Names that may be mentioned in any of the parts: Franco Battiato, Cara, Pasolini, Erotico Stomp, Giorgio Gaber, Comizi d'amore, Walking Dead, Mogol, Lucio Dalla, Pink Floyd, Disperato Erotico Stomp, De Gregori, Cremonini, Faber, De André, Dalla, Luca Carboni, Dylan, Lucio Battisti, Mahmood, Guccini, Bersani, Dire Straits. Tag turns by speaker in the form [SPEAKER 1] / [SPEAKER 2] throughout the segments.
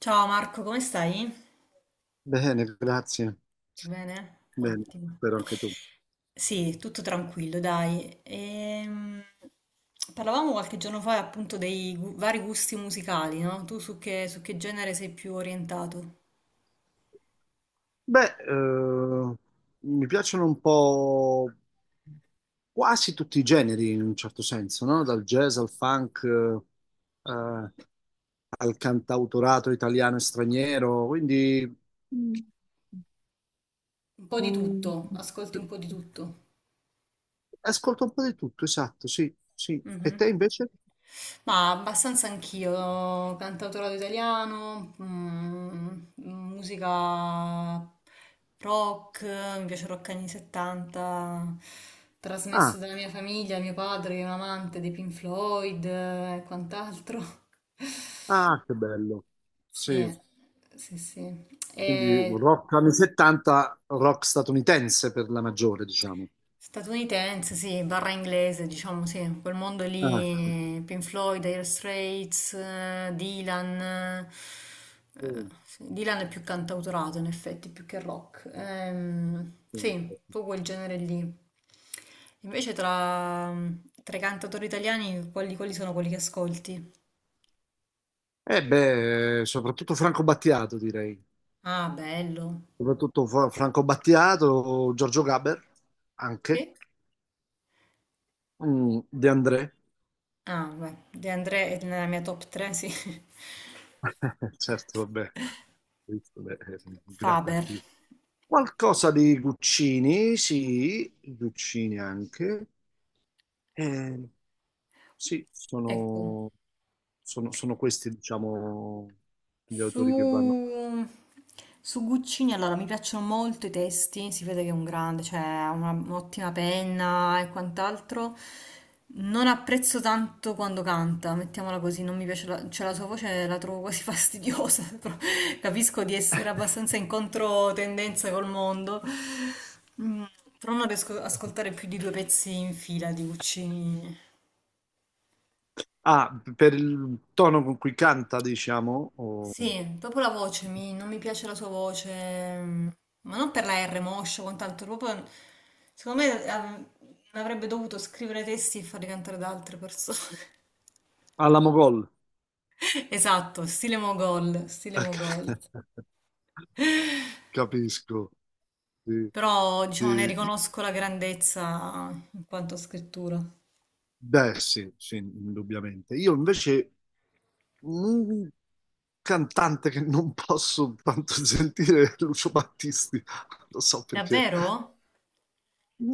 [SPEAKER 1] Ciao Marco, come stai?
[SPEAKER 2] Bene, grazie.
[SPEAKER 1] Bene?
[SPEAKER 2] Bene,
[SPEAKER 1] Ottimo.
[SPEAKER 2] spero anche tu.
[SPEAKER 1] Sì, tutto tranquillo, dai. Parlavamo qualche giorno fa appunto dei vari gusti musicali, no? Tu su che genere sei più orientato?
[SPEAKER 2] Beh, mi piacciono un po' quasi tutti i generi in un certo senso, no? Dal jazz al funk, eh, al cantautorato italiano e straniero, quindi
[SPEAKER 1] Un po' di
[SPEAKER 2] mm,
[SPEAKER 1] tutto, ascolti un po' di tutto.
[SPEAKER 2] ascolto un po' di tutto, esatto, sì, sì. E
[SPEAKER 1] Mhm.
[SPEAKER 2] te invece?
[SPEAKER 1] Ma abbastanza anch'io, cantautorato italiano, mm, musica rock, mi piace il rock anni 70, trasmesso
[SPEAKER 2] Ah,
[SPEAKER 1] dalla mia famiglia, mio padre che è un amante dei Pink Floyd e quant'altro.
[SPEAKER 2] ah, che bello.
[SPEAKER 1] Sì,
[SPEAKER 2] Sì.
[SPEAKER 1] sì, sì.
[SPEAKER 2] Quindi un
[SPEAKER 1] E
[SPEAKER 2] rock anni 70, rock statunitense per la maggiore, diciamo.
[SPEAKER 1] statunitense, sì, barra inglese, diciamo, sì, quel mondo
[SPEAKER 2] Ah,
[SPEAKER 1] lì, Pink Floyd, Dire Straits, Dylan,
[SPEAKER 2] sì,
[SPEAKER 1] sì, Dylan è più cantautorato in effetti, più che rock. Sì,
[SPEAKER 2] sì,
[SPEAKER 1] un
[SPEAKER 2] sì.
[SPEAKER 1] po' quel genere lì. Invece tra, tra i cantautori italiani, quali sono quelli che ascolti?
[SPEAKER 2] Eh beh, soprattutto Franco Battiato, direi.
[SPEAKER 1] Ah, bello,
[SPEAKER 2] Soprattutto Franco Battiato, Giorgio Gaber, anche,
[SPEAKER 1] sì?
[SPEAKER 2] De André.
[SPEAKER 1] Ah, beh, De André è nella mia top 3, sì,
[SPEAKER 2] Certo, vabbè, visto, beh, è un grande
[SPEAKER 1] Faber,
[SPEAKER 2] artista. Qualcosa di Guccini, sì, Guccini anche. Eh, Sì,
[SPEAKER 1] ecco.
[SPEAKER 2] sono questi, diciamo, gli autori che vanno.
[SPEAKER 1] Su, su Guccini, allora mi piacciono molto i testi, si vede che è un grande, cioè ha un'ottima penna e quant'altro. Non apprezzo tanto quando canta, mettiamola così, non mi piace la, cioè la sua voce la trovo quasi fastidiosa, però capisco di essere abbastanza in controtendenza col mondo. Mm, però non riesco ad ascoltare più di due pezzi in fila di Guccini.
[SPEAKER 2] Ah, per il tono con cui canta, diciamo, o...
[SPEAKER 1] Sì, proprio la voce, non mi piace la sua voce, mm, ma non per la R moscia, quant'altro, proprio, secondo me avrebbe dovuto scrivere testi e farli cantare da altre persone.
[SPEAKER 2] alla Mogol.
[SPEAKER 1] Esatto, stile Mogol, stile Mogol.
[SPEAKER 2] Capisco. Sì.
[SPEAKER 1] Però, diciamo, ne
[SPEAKER 2] Eh,
[SPEAKER 1] riconosco la grandezza in quanto a scrittura.
[SPEAKER 2] beh, sì, sì, indubbiamente. Io invece un cantante che non posso tanto sentire è Lucio Battisti, lo so perché.
[SPEAKER 1] Davvero?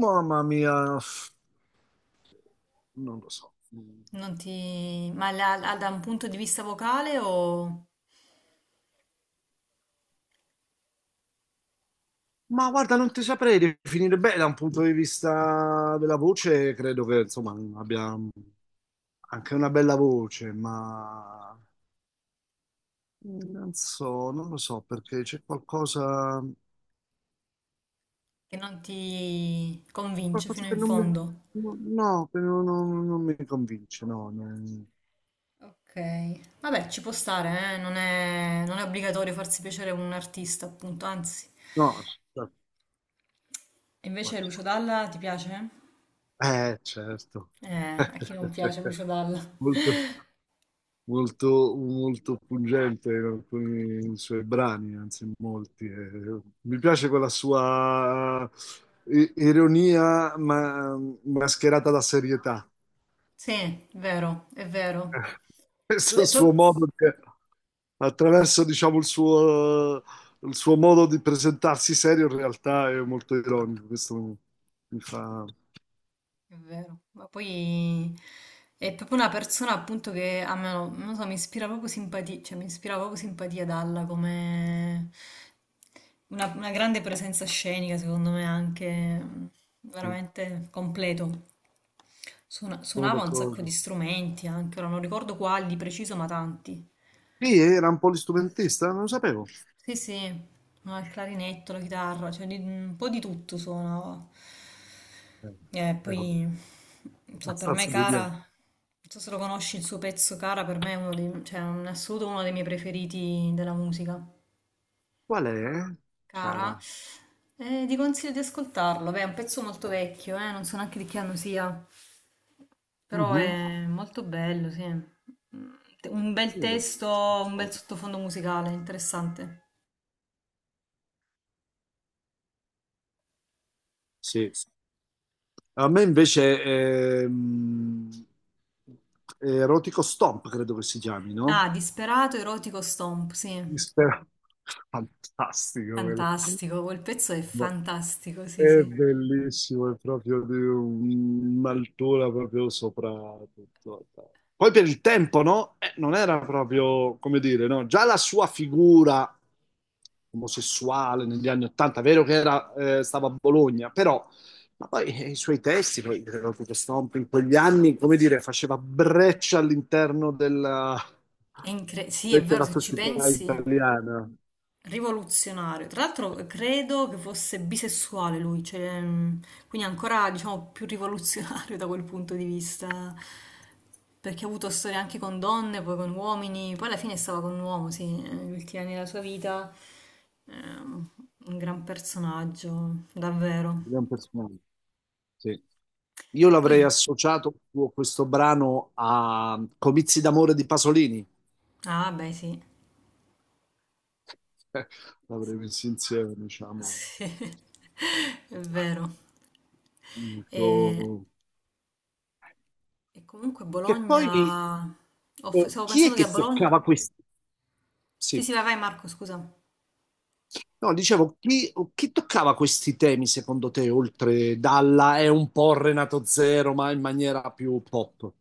[SPEAKER 2] Mamma mia, non lo so.
[SPEAKER 1] Non ti... Ma da un punto di vista vocale o
[SPEAKER 2] Ma guarda, non ti saprei definire bene da un punto di vista della voce, credo che insomma abbia anche una bella voce, ma non so, non lo so perché c'è qualcosa,
[SPEAKER 1] che non ti convince
[SPEAKER 2] qualcosa
[SPEAKER 1] fino
[SPEAKER 2] che
[SPEAKER 1] in
[SPEAKER 2] non mi,
[SPEAKER 1] fondo?
[SPEAKER 2] no, no, che non, non mi convince, no,
[SPEAKER 1] Ok, vabbè, ci può stare, eh. Non è, non è obbligatorio farsi piacere un artista, appunto, anzi.
[SPEAKER 2] no, aspetta.
[SPEAKER 1] E invece
[SPEAKER 2] Guarda.
[SPEAKER 1] Lucio Dalla ti piace?
[SPEAKER 2] Eh, certo,
[SPEAKER 1] A chi non piace Lucio Dalla?
[SPEAKER 2] molto. Molto, molto pungente in alcuni suoi brani, anzi in molti. E mi piace quella sua ironia mascherata da serietà.
[SPEAKER 1] Sì, è vero, è vero. Lui
[SPEAKER 2] Questo
[SPEAKER 1] è
[SPEAKER 2] suo
[SPEAKER 1] proprio...
[SPEAKER 2] modo di, attraverso, diciamo, il suo modo di presentarsi serio in realtà è molto ironico. Questo mi fa...
[SPEAKER 1] È vero, ma poi è proprio una persona appunto che a me, non lo so, mi ispira proprio simpatia, cioè mi ispira proprio simpatia Dalla come una grande presenza scenica, secondo me anche, mm, veramente completo.
[SPEAKER 2] Sono
[SPEAKER 1] Suonava un sacco di
[SPEAKER 2] d'accordo.
[SPEAKER 1] strumenti anche, ora non ricordo quali di preciso, ma tanti.
[SPEAKER 2] Sì, era un polistrumentista, non lo sapevo.
[SPEAKER 1] Sì, sì, ma il clarinetto, la chitarra, cioè un po' di tutto suonava.
[SPEAKER 2] Eh,
[SPEAKER 1] E
[SPEAKER 2] È
[SPEAKER 1] poi, non so, per me
[SPEAKER 2] abbastanza
[SPEAKER 1] Cara,
[SPEAKER 2] geniale.
[SPEAKER 1] non so se lo conosci il suo pezzo Cara, per me è uno dei, cioè, in assoluto uno dei miei preferiti della musica.
[SPEAKER 2] Qual è,
[SPEAKER 1] Cara,
[SPEAKER 2] cara?
[SPEAKER 1] e ti consiglio di ascoltarlo, beh, è un pezzo molto vecchio, non so neanche di che anno sia. Però
[SPEAKER 2] Mhm.
[SPEAKER 1] è molto bello, sì. Mm, un bel
[SPEAKER 2] Io lo so.
[SPEAKER 1] testo, un bel sottofondo musicale, interessante.
[SPEAKER 2] Sì. A me invece Erotico Stomp, credo che si chiami, no?
[SPEAKER 1] Ah, Disperato Erotico Stomp, sì.
[SPEAKER 2] Mister- Fantastico quello.
[SPEAKER 1] Fantastico, quel pezzo è
[SPEAKER 2] Ma
[SPEAKER 1] fantastico, sì,
[SPEAKER 2] è
[SPEAKER 1] sì.
[SPEAKER 2] bellissimo, è proprio di un'altura proprio sopra tutto. Poi per il tempo, no? Non era proprio, come dire, no? Già la sua figura omosessuale negli anni Ottanta, vero che era, stava a Bologna, però ma poi i suoi testi, poi credo che Stomp in quegli anni, come dire, faceva breccia all'interno della,
[SPEAKER 1] Sì, è
[SPEAKER 2] invece
[SPEAKER 1] vero,
[SPEAKER 2] la
[SPEAKER 1] se ci
[SPEAKER 2] società
[SPEAKER 1] pensi,
[SPEAKER 2] italiana, un
[SPEAKER 1] rivoluzionario. Tra l'altro credo che fosse bisessuale lui, cioè, quindi ancora diciamo più rivoluzionario da quel punto di vista, perché ha avuto storie anche con donne, poi con uomini, poi alla fine stava con un uomo, sì, negli ultimi anni della sua vita. ehm, un gran personaggio, davvero.
[SPEAKER 2] gran personaggio. Sì. Io
[SPEAKER 1] Poi,
[SPEAKER 2] l'avrei associato questo brano a Comizi d'amore di Pasolini.
[SPEAKER 1] ah beh sì,
[SPEAKER 2] L'avrei messo insieme, diciamo.
[SPEAKER 1] sì, è vero. E,
[SPEAKER 2] Dico-
[SPEAKER 1] e comunque
[SPEAKER 2] Che poi
[SPEAKER 1] Bologna, stavo
[SPEAKER 2] chi è
[SPEAKER 1] pensando che a
[SPEAKER 2] che
[SPEAKER 1] Bologna...
[SPEAKER 2] toccava questi.
[SPEAKER 1] Sì,
[SPEAKER 2] Sì.
[SPEAKER 1] sì, vai Marco, scusa.
[SPEAKER 2] No, dicevo, chi toccava questi temi secondo te, oltre Dalla è un po' Renato Zero, ma in maniera più pop?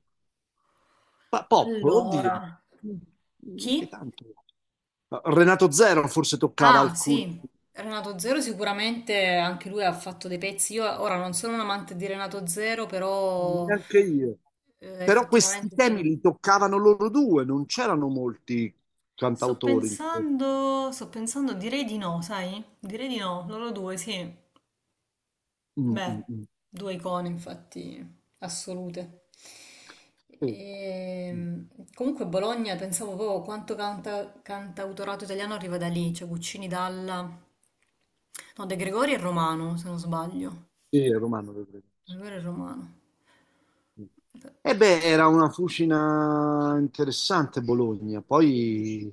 [SPEAKER 2] Pop, oddio,
[SPEAKER 1] Allora,
[SPEAKER 2] Che
[SPEAKER 1] chi?
[SPEAKER 2] tanto. Renato Zero forse toccava
[SPEAKER 1] Ah,
[SPEAKER 2] alcuni,
[SPEAKER 1] sì. Renato Zero sicuramente anche lui ha fatto dei pezzi. Io ora non sono un amante di Renato Zero, però
[SPEAKER 2] neanche io. Però questi
[SPEAKER 1] effettivamente
[SPEAKER 2] temi
[SPEAKER 1] sì.
[SPEAKER 2] li toccavano loro due, non c'erano molti cantautori.
[SPEAKER 1] Sto pensando, direi di no, sai? Direi di no, loro due, sì.
[SPEAKER 2] Mm,
[SPEAKER 1] Beh,
[SPEAKER 2] mm, mm.
[SPEAKER 1] due icone infatti assolute.
[SPEAKER 2] Sì, mm.
[SPEAKER 1] Ehm, comunque Bologna, pensavo proprio quanto canta, cantautorato italiano arriva da lì, cioè Guccini, Dalla, no, De Gregori è romano, se non sbaglio.
[SPEAKER 2] Sì, Romano, lo credo.
[SPEAKER 1] De Gregori è romano.
[SPEAKER 2] E beh, era una fucina interessante Bologna. Poi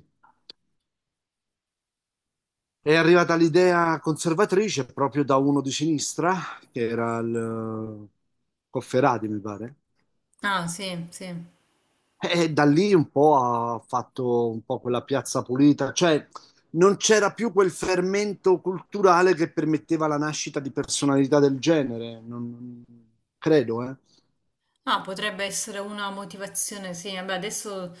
[SPEAKER 2] è arrivata l'idea conservatrice proprio da uno di sinistra, che era il Cofferati, mi pare.
[SPEAKER 1] Ah, sì, sì.
[SPEAKER 2] E da lì un po' ha fatto un po' quella piazza pulita, cioè non c'era più quel fermento culturale che permetteva la nascita di personalità del genere, non, credo, eh.
[SPEAKER 1] Ah, potrebbe essere una motivazione, sì. Vabbè, adesso...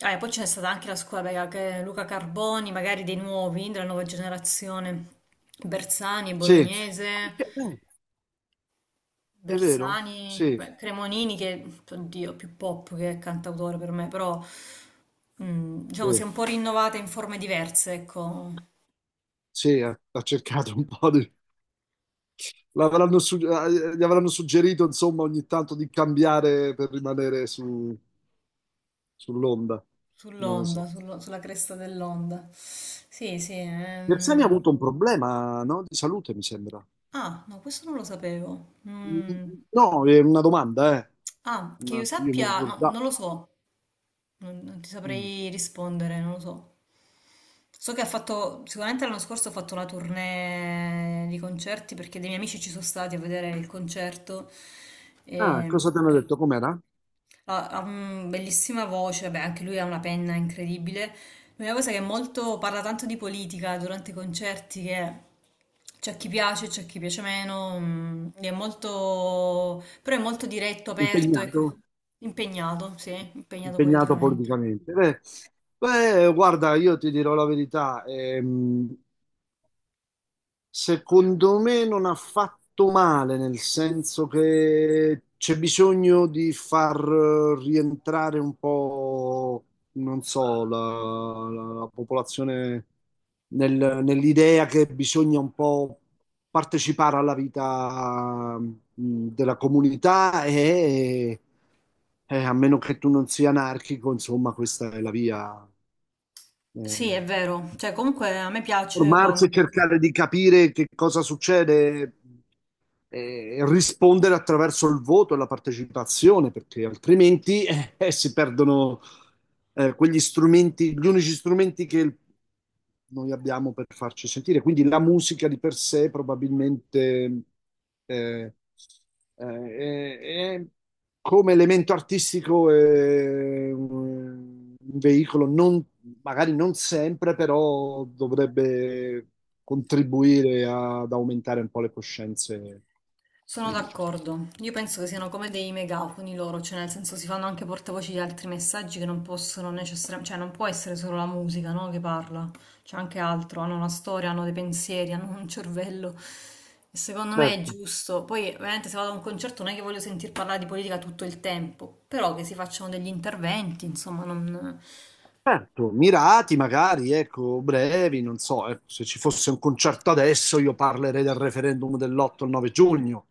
[SPEAKER 1] Ah, e poi c'è stata anche la scuola, raga, che Luca Carboni, magari dei nuovi, della nuova generazione. Bersani, è
[SPEAKER 2] Sì,
[SPEAKER 1] bolognese,
[SPEAKER 2] Eh, è vero,
[SPEAKER 1] Bersani,
[SPEAKER 2] sì.
[SPEAKER 1] beh, Cremonini, che, oddio, più pop che cantautore per me, però, mm, diciamo, si è
[SPEAKER 2] Sì.
[SPEAKER 1] un po' rinnovata in forme diverse, ecco,
[SPEAKER 2] Sì, ha cercato un po' di... Gli avranno suggerito, insomma, ogni tanto di cambiare per rimanere sull'onda. Non lo
[SPEAKER 1] sull'onda,
[SPEAKER 2] so.
[SPEAKER 1] sulla cresta dell'onda. Sì, sì.
[SPEAKER 2] Bersani ha avuto un problema, no? Di salute, mi sembra.
[SPEAKER 1] Ah, no, questo non lo sapevo.
[SPEAKER 2] Mm,
[SPEAKER 1] Mm.
[SPEAKER 2] no, è una domanda, eh.
[SPEAKER 1] Ah, che io
[SPEAKER 2] Io mi
[SPEAKER 1] sappia, no, non
[SPEAKER 2] ricordavo.
[SPEAKER 1] lo so, non ti
[SPEAKER 2] Mm.
[SPEAKER 1] saprei rispondere, non lo so. So che ha fatto, sicuramente l'anno scorso ha fatto la tournée di concerti perché dei miei amici ci sono stati a vedere il concerto.
[SPEAKER 2] Ah,
[SPEAKER 1] E,
[SPEAKER 2] cosa ti hanno detto? Com'era?
[SPEAKER 1] ha, bellissima voce, beh, anche lui ha una penna incredibile. L'unica cosa che è molto, parla tanto di politica durante i concerti, che c'è chi piace meno, mm, è molto, però è molto diretto, aperto, ecco.
[SPEAKER 2] Impegnato?
[SPEAKER 1] Impegnato, sì, impegnato
[SPEAKER 2] Impegnato
[SPEAKER 1] politicamente.
[SPEAKER 2] politicamente. Beh, guarda, io ti dirò la verità. Secondo me non ha fatto male, nel senso che c'è bisogno di far rientrare un po', non so, la, la popolazione nell'idea che bisogna un po' partecipare alla vita della comunità e a meno che tu non sia anarchico, insomma, questa è la via. eh
[SPEAKER 1] Sì, è vero, cioè comunque a me piace
[SPEAKER 2] Formarsi e
[SPEAKER 1] quando...
[SPEAKER 2] cercare di capire che cosa succede, rispondere attraverso il voto e la partecipazione, perché altrimenti si perdono quegli strumenti, gli unici strumenti che noi abbiamo per farci sentire. Quindi la musica di per sé probabilmente eh, eh, è- è come elemento artistico è un veicolo, magari non sempre, però dovrebbe contribuire ad aumentare un po' le coscienze.
[SPEAKER 1] Sono
[SPEAKER 2] Quindi,
[SPEAKER 1] d'accordo. Io penso che siano come dei megafoni loro, cioè nel senso si fanno anche portavoci di altri messaggi che non possono necessariamente, cioè non può essere solo la musica, no, che parla, c'è anche altro, hanno una storia, hanno dei pensieri, hanno un cervello. E secondo me è
[SPEAKER 2] certo,
[SPEAKER 1] giusto. Poi, ovviamente, se vado a un concerto non è che voglio sentir parlare di politica tutto il tempo, però che si facciano degli interventi, insomma, non...
[SPEAKER 2] certo, mirati magari, ecco, brevi, non so, ecco, se ci fosse un concerto adesso io parlerei del referendum dell'8 e 9 giugno,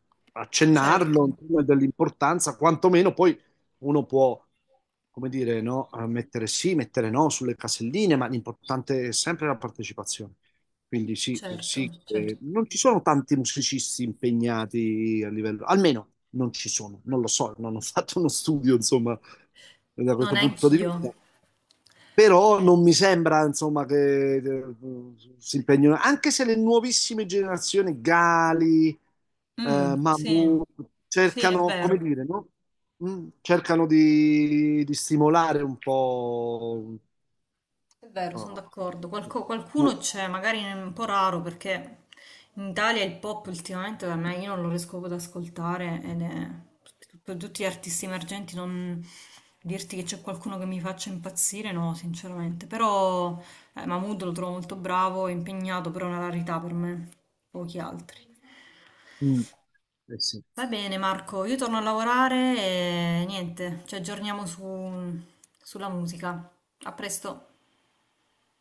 [SPEAKER 1] Certo,
[SPEAKER 2] accennarlo, insomma, dell'importanza, quantomeno poi uno può, come dire, no, mettere sì, mettere no sulle caselline, ma l'importante è sempre la partecipazione. Quindi sì, sì,
[SPEAKER 1] certo, certo.
[SPEAKER 2] non ci sono tanti musicisti impegnati a livello, almeno non ci sono, non lo so, non ho fatto uno studio, insomma, da
[SPEAKER 1] No,
[SPEAKER 2] questo punto di
[SPEAKER 1] neanch'io.
[SPEAKER 2] vista. Però non mi sembra, insomma, che si impegnino, anche se le nuovissime generazioni, Gali,
[SPEAKER 1] Mm, sì,
[SPEAKER 2] Mahmood,
[SPEAKER 1] sì, è
[SPEAKER 2] cercano, come
[SPEAKER 1] vero.
[SPEAKER 2] dire, no? Mm, cercano di stimolare un po'...
[SPEAKER 1] È vero, sono
[SPEAKER 2] no.
[SPEAKER 1] d'accordo. Qualcuno c'è, magari è un po' raro perché in Italia il pop ultimamente da me io non lo riesco proprio ad ascoltare ed è per tutti gli artisti emergenti non dirti che c'è qualcuno che mi faccia impazzire, no, sinceramente. Però Mahmood lo trovo molto bravo, impegnato, però è una rarità per me, pochi altri.
[SPEAKER 2] Mm, eh sì.
[SPEAKER 1] Va bene Marco, io torno a lavorare e niente, ci aggiorniamo sulla musica. A presto.